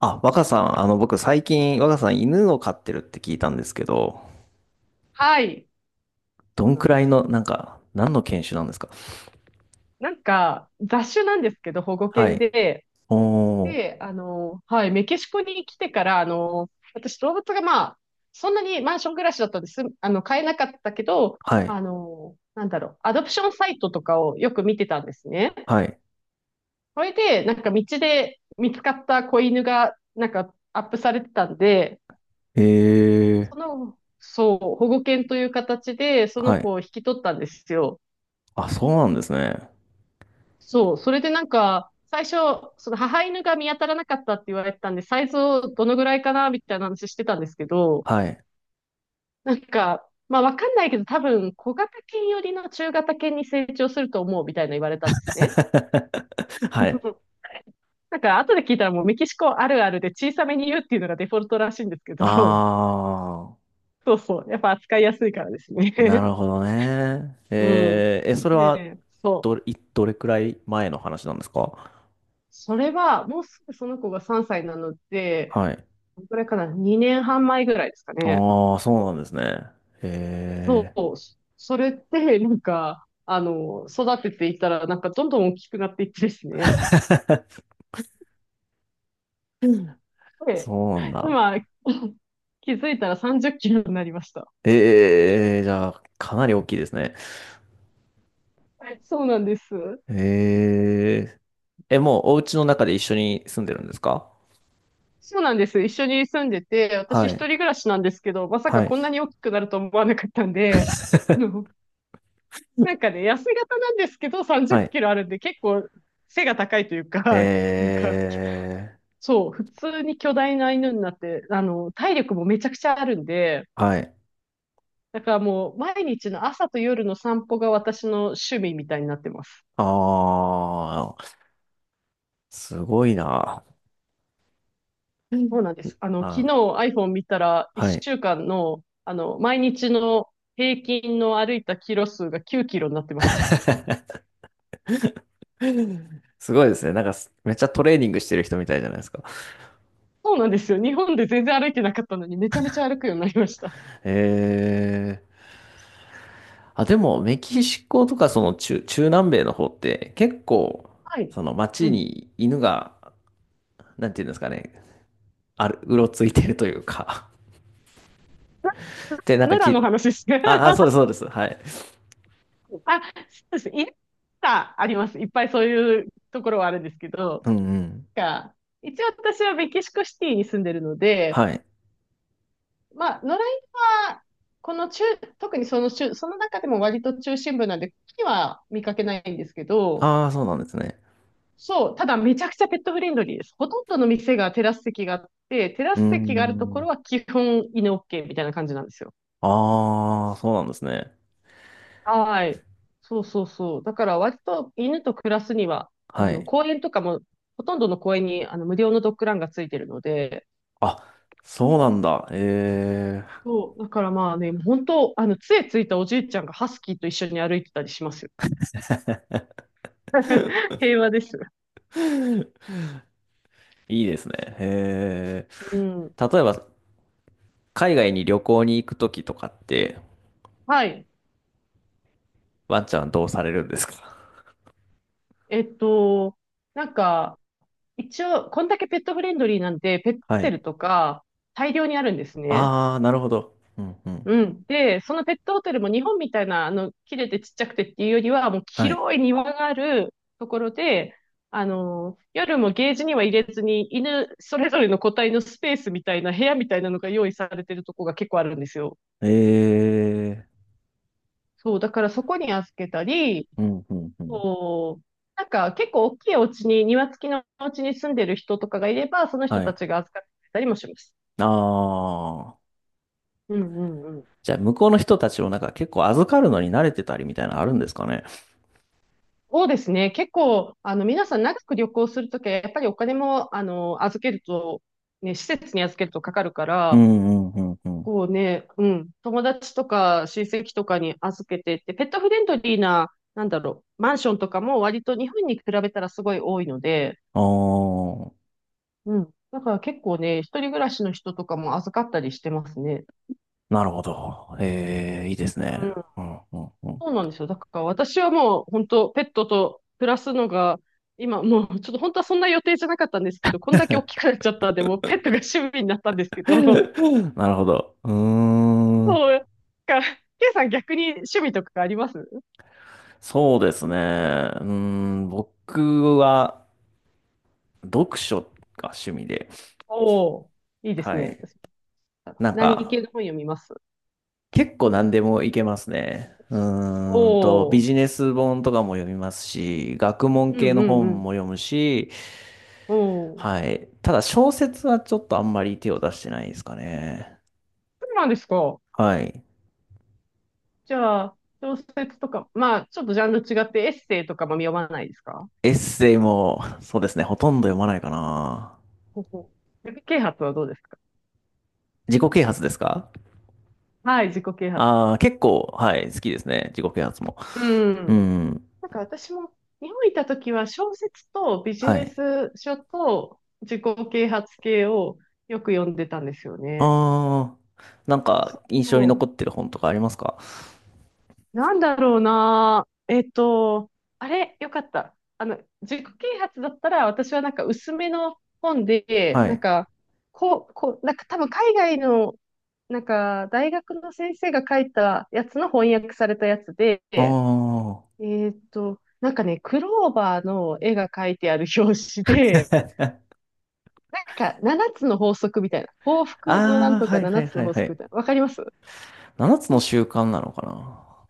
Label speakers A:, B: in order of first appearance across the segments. A: あ、若さん、僕最近、若さん犬を飼ってるって聞いたんですけど、
B: はい。
A: ど
B: そう
A: ん
B: なん
A: く
B: で
A: らい
B: す。
A: の、何の犬種なんですか？
B: 雑種なんですけど、保護
A: は
B: 犬
A: い。
B: で、
A: おー、
B: はい、メキシコに来てから、私、動物がまあ、そんなにマンション暮らしだったんです、買えなかったけど、
A: はい、
B: アドプションサイトとかをよく見てたんですね。
A: はい。
B: それで、なんか道で見つかった子犬が、なんかアップされてたんで、
A: えー、
B: そう、保護犬という形で、その
A: は
B: 子
A: い。
B: を引き取ったんですよ。
A: あ、そうなんですね。
B: そう、それでなんか、最初、その母犬が見当たらなかったって言われてたんで、サイズをどのぐらいかな、みたいな話してたんですけど、
A: はい。
B: なんか、まあわかんないけど、多分小型犬よりの中型犬に成長すると思うみたいな言われたんですね。
A: はい。
B: なんか後で聞いたらもうメキシコあるあるで小さめに言うっていうのがデフォルトらしいんですけど、
A: あ
B: そうそう、やっぱ扱いやすいからです
A: ー、な
B: ね。
A: るほどね。
B: うん。
A: え、それ
B: ね
A: は、
B: え、そう。
A: どれくらい前の話なんですか？
B: それは、もうすぐその子が3歳なので、
A: はい。
B: どれくらいかな、2年半前ぐらいですか
A: あ
B: ね。
A: ー、そうなんですね。
B: そ
A: え
B: う、それって、なんか、育てていったら、なんかどんどん大きくなっていってですね。
A: ー、
B: で、
A: そうなんだ。
B: 今、気づいたら30キロになりました。
A: ええ、じゃあ、かなり大きいですね。
B: そうなんです。
A: えええ、もうお家の中で一緒に住んでるんですか？
B: そうなんです。一緒に住んでて、私
A: は
B: 一人
A: い。
B: 暮らしなんですけど、まさか
A: はい。
B: こんなに大きくなると思わなかったんで、あのなんかね、痩せ型なんですけど、30キ
A: はい。
B: ロあるんで、結構背が高いというか、なんか、
A: ええ、
B: そう、普通に巨大な犬になって、体力もめちゃくちゃあるんで、
A: はい。
B: だからもう毎日の朝と夜の散歩が私の趣味みたいになってます。
A: ああ、すごいな。
B: そうなんです。昨
A: あ、
B: 日 iPhone 見たら
A: は
B: 1
A: い。
B: 週間の、毎日の平均の歩いたキロ数が9キロになってます。
A: すごいですね。なんかめっちゃトレーニングしてる人みたいじゃないですか。
B: そうなんですよ。日本で全然歩いてなかったのにめちゃめちゃ歩くようになりました。
A: ええ、あ、でも、メキシコとか、その中、中南米の方って、結構、
B: はい。
A: その
B: う
A: 街
B: ん。
A: に犬が、なんていうんですかね、うろついてるというか。で、なんか
B: 奈良
A: き、
B: の話ですね。
A: あ、あ、そうです、そうです。はい。
B: あ、そうです。いっぱいあります。いっぱいそういうところはあるんですけど、
A: うんうん。
B: が一応私はメキシコシティに住んでるので、
A: はい。
B: まあ、野良犬は、この中、特にその中、その中でも割と中心部なんで、ここには見かけないんですけど、
A: ああ、そうなんですね。
B: そう、ただめちゃくちゃペットフレンドリーです。ほとんどの店がテラス席があって、テラ
A: うー
B: ス席があるとこ
A: ん。
B: ろは基本犬 OK みたいな感じなんですよ。
A: ああ、そうなんですね。
B: はい。そうそうそう。だから割と犬と暮らすには、
A: はい。
B: 公園とかも、ほとんどの公園にあの無料のドッグランがついてるので、
A: あ、そうなんだ。え
B: そう、だからまあね、本当、杖ついたおじいちゃんがハスキーと一緒に歩いてたりしますよ。平和です。
A: え。いいですね。え
B: うん。
A: え。例えば、海外に旅行に行くときとかって、
B: はい。
A: ワンちゃんどうされるんですか？
B: えっと、なんか、一応、こんだけペットフレンドリーなんで、ペットホ
A: は
B: テ
A: い。
B: ルとか、大量にあるんですね。
A: ああ、なるほど。うんうん。
B: うん。で、そのペットホテルも日本みたいな、切れてちっちゃくてっていうよりは、もう
A: はい。
B: 広い庭があるところで、夜もゲージには入れずに、犬それぞれの個体のスペースみたいな、部屋みたいなのが用意されてるとこが結構あるんですよ。
A: ええ。
B: そう、だからそこに預けたり、
A: うんうんうん。
B: そう。なんか結構大きいお家に、庭付きのお家に住んでる人とかがいれば、その人
A: は
B: た
A: い。
B: ちが預かってくれたりもします。
A: ああ。
B: うんうんうん。
A: じゃあ、向こうの人たちをなんか結構預かるのに慣れてたりみたいなのあるんですかね。
B: そうですね。結構、皆さん長く旅行するときは、やっぱりお金も、預けると、ね、施設に預けるとかかるか
A: う
B: ら、
A: んうんうんうん。
B: こうね、うん、友達とか親戚とかに預けてって、ペットフレンドリーな、なんだろう、マンションとかも割と日本に比べたらすごい多いので、
A: ああ、
B: うん。だから結構ね、一人暮らしの人とかも預かったりしてますね。
A: なるほど。ええ、いいですね。うんうんうん。
B: そうなんですよ。だから私はもう本当ペットと暮らすのが、今もうちょっと本当はそんな予定じゃなかったんですけど、こんだけ大きくなっちゃったんで、もうペットが趣味になったんですけ ど、
A: なるほど。うーん。
B: そう。だから、ケイさん逆に趣味とかあります？
A: そうですね。うーん。僕は読書が趣味で。
B: おおー、いいです
A: は
B: ね。
A: い。
B: 私、
A: なん
B: 何系
A: か、
B: の本読みます？
A: 結構何でもいけますね。
B: おお
A: ビ
B: ー、
A: ジネス本とかも読みますし、学問
B: う
A: 系
B: ん
A: の
B: うんう
A: 本
B: ん。
A: も読むし、
B: おお、
A: はい。ただ小説はちょっとあんまり手を出してないですかね。
B: そうなんですか。
A: はい。
B: じゃあ、小説とか、まあ、ちょっとジャンル違ってエッセイとかも読まないですか？
A: エッセイも、そうですね、ほとんど読まないかな。
B: ほほ。自己啓発はどうですか？
A: 自己啓発ですか？
B: はい、自己啓発。
A: ああー、結構、はい、好きですね。自己啓発も。
B: う
A: う
B: ん。
A: ん。
B: なんか私も日本にいた時は小説とビジ
A: は
B: ネ
A: い。
B: ス書と自己啓発系をよく読んでたんですよね。
A: ああ、なん
B: そ
A: か
B: う
A: 印象に残っ
B: そ
A: てる本とかありますか？
B: う。なんだろうな。あれ、よかった。自己啓発だったら私はなんか薄めの本で、
A: は
B: なん
A: い。
B: か、なんか多分海外の、なんか大学の先生が書いたやつの翻訳されたやつで、
A: ああ。
B: なんかね、クローバーの絵が描いてある表紙で、なんか7つの法則みたいな、幸福のな
A: あ
B: んと
A: あ、は
B: か
A: いは
B: 7
A: い
B: つ
A: は
B: の
A: い
B: 法
A: は
B: 則
A: い。
B: みたいな、わかります？
A: 7つの習慣なのかな？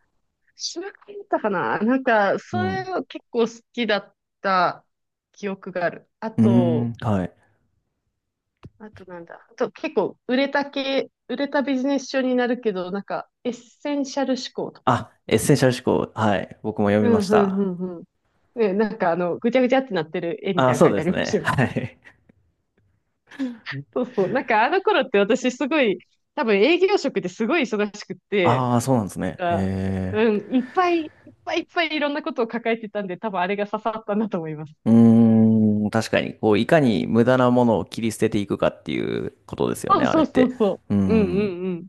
B: 知らなかったかな、なんか、
A: う
B: そ
A: ん。
B: れは
A: う
B: 結構好きだった記憶がある。あ
A: ー
B: と、
A: ん、はい。
B: あとなんだ。あと結構売れた系、売れたビジネス書になるけど、なんかエッセンシャル思考とか。
A: あ、エッセンシャル思考。はい。僕も読み
B: う
A: ま
B: ん、
A: し
B: うん、
A: た。
B: ううん。ね、なんかあの、ぐちゃぐちゃってなってる絵み
A: ああ、
B: たいな
A: そ
B: の書
A: う
B: い
A: で
B: てあ
A: す
B: りまし
A: ね。
B: た よね。
A: はい。
B: そうそう。なんかあの頃って私すごい、多分営業職ですごい忙しくって、
A: ああ、そうなんですね。
B: なんか、
A: へ
B: うん、
A: え。
B: いっぱいいっぱいいっぱいいろんなことを抱えてたんで、多分あれが刺さったんだと思います。
A: うーん、確かに、こう、いかに無駄なものを切り捨てていくかっていうことですよ
B: そ
A: ね、
B: う
A: あれ
B: そ
A: っ
B: うそう
A: て。
B: そ
A: うー
B: う。うんう
A: ん、
B: んうん。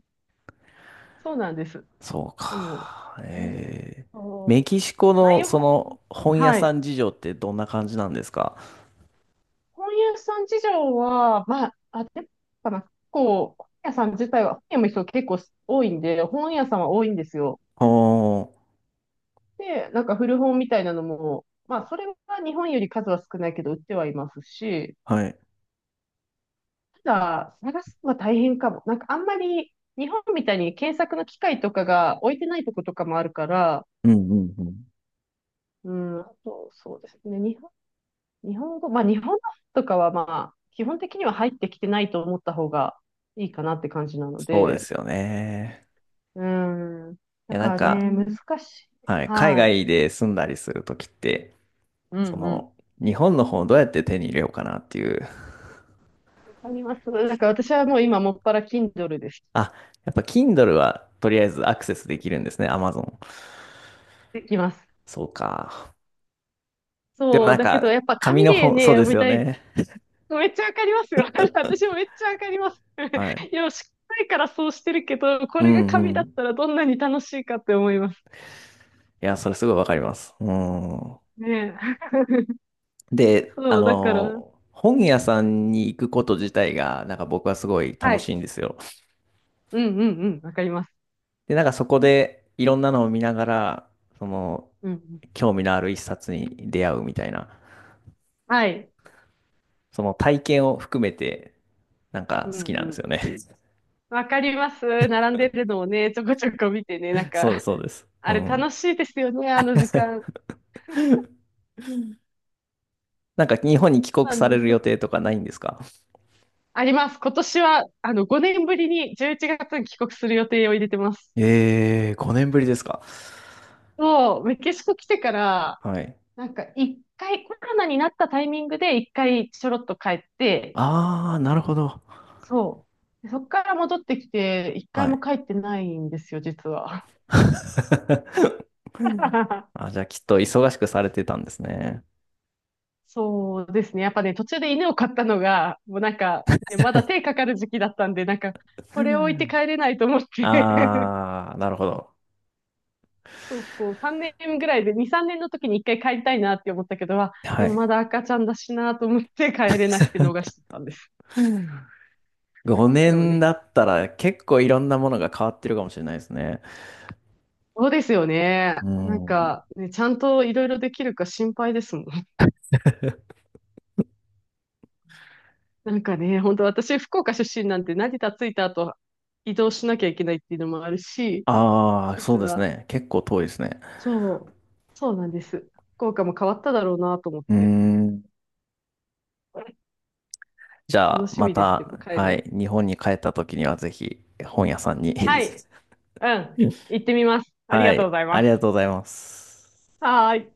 B: そうなんです。
A: そう
B: でも、
A: か。
B: えー、
A: ええ。
B: そ
A: メ
B: う。
A: キシコ
B: ああい
A: の、
B: う本、
A: 本屋
B: は
A: さ
B: い。
A: ん事情ってどんな感じなんですか？
B: 本屋さん事情は、まあ、あれかな、こう本屋さん自体は、本屋も人結構多いんで、本屋さんは多いんですよ。
A: おー、
B: で、なんか古本みたいなのも、まあ、それは日本より数は少ないけど、売ってはいますし、
A: はい。
B: ただ、探すのは大変かも。なんか、あんまり日本みたいに検索の機械とかが置いてないとことかもあるから、
A: うんうんうん。
B: うん、あと、そうですね、日本語、まあ、日本のとかは、まあ、基本的には入ってきてないと思った方がいいかなって感じなの
A: そうで
B: で、
A: すよね。
B: うん、
A: い
B: だ
A: や、なん
B: からね、
A: か、
B: 難しい。
A: はい、海
B: はい。
A: 外で住んだりするときって、
B: う
A: そ
B: んうん。
A: の、日本の本をどうやって手に入れようかなっていう。
B: わかります。だから私はもう今、もっぱら Kindle です。
A: あ、やっぱ Kindle はとりあえずアクセスできるんですね、Amazon。
B: できます。
A: そうか。でも
B: そ
A: な
B: う、
A: ん
B: だけど
A: か、
B: やっぱ
A: 紙
B: 紙
A: の
B: で
A: 本、
B: ね、
A: そうで
B: 読
A: す
B: み
A: よ
B: たい。
A: ね。
B: めっちゃわかりますよ。私もめっちゃわかります。
A: はい。
B: いや、しっかりからそうしてるけど、こ
A: う
B: れが
A: んう
B: 紙だ
A: ん。
B: っ
A: い
B: たらどんなに楽しいかって思います
A: や、それすごいわかります。うん。
B: ね。
A: で、
B: そう、だから、
A: 本屋さんに行くこと自体が、なんか僕はすごい
B: は
A: 楽し
B: い。
A: いんですよ。
B: うんうんうん、わかります。
A: で、なんかそこでいろんなのを見ながら、その、
B: うんうん、
A: 興味のある一冊に出会うみたいな、
B: はい。
A: その体験を含めて、なん
B: う
A: か好き
B: ん
A: な
B: う
A: んです
B: ん。
A: よね。
B: わかります。並んでるのをね、ちょこちょこ見てね、なん
A: そうで
B: か、
A: す、そうです。う
B: あれ
A: ん。
B: 楽しいですよね、あの時間。
A: なんか日本に帰国
B: なん
A: され
B: で
A: る
B: す
A: 予
B: よ。
A: 定とかないんですか？
B: あります。今年は、5年ぶりに11月に帰国する予定を入れてます。
A: ええー、5年ぶりですか。
B: そう、メキシコ来てから、
A: はい。
B: なんか一回、コロナになったタイミングで一回ちょろっと帰って、
A: ああ、なるほど。
B: そう。でそっから戻ってきて、一回
A: は
B: も
A: い。
B: 帰ってないんですよ、実は。
A: あ、じゃあきっと忙しくされてたんですね。
B: そうですね。やっぱね、途中で犬を飼ったのが、もうなんか、ね、まだ手かかる時期だったんで、なんか、これを置いて帰れないと思って。
A: ああ、なるほど。
B: そうそう、3年ぐらいで、2、3年の時に一回帰りたいなって思ったけど、あ
A: は
B: でも
A: い。
B: まだ赤ちゃんだしなと思って帰れなくて逃してたんです。
A: 5
B: でも
A: 年
B: ね
A: だったら結構いろんなものが変わってるかもしれないですね。
B: そうですよね。
A: う
B: なん
A: ん。
B: か、ね、ちゃんといろいろできるか心配ですもん。なんかね、本当私、福岡出身なんて成田着いた後、移動しなきゃいけないっていうのもあるし、
A: ああ、
B: なん
A: そうです
B: か、
A: ね。結構遠いですね。
B: そう、そうなんです。福岡も変わっただろうなと思っ
A: う
B: て。
A: ん。じゃ
B: 楽
A: あ、
B: し
A: ま
B: みです、で
A: た、
B: も帰る
A: はい、
B: の。
A: 日本に帰った時にはぜひ本屋さんに
B: はい、うん、行ってみます。あり
A: は
B: がとうご
A: い。
B: ざいま
A: ありが
B: す。
A: とうございます。
B: はーい。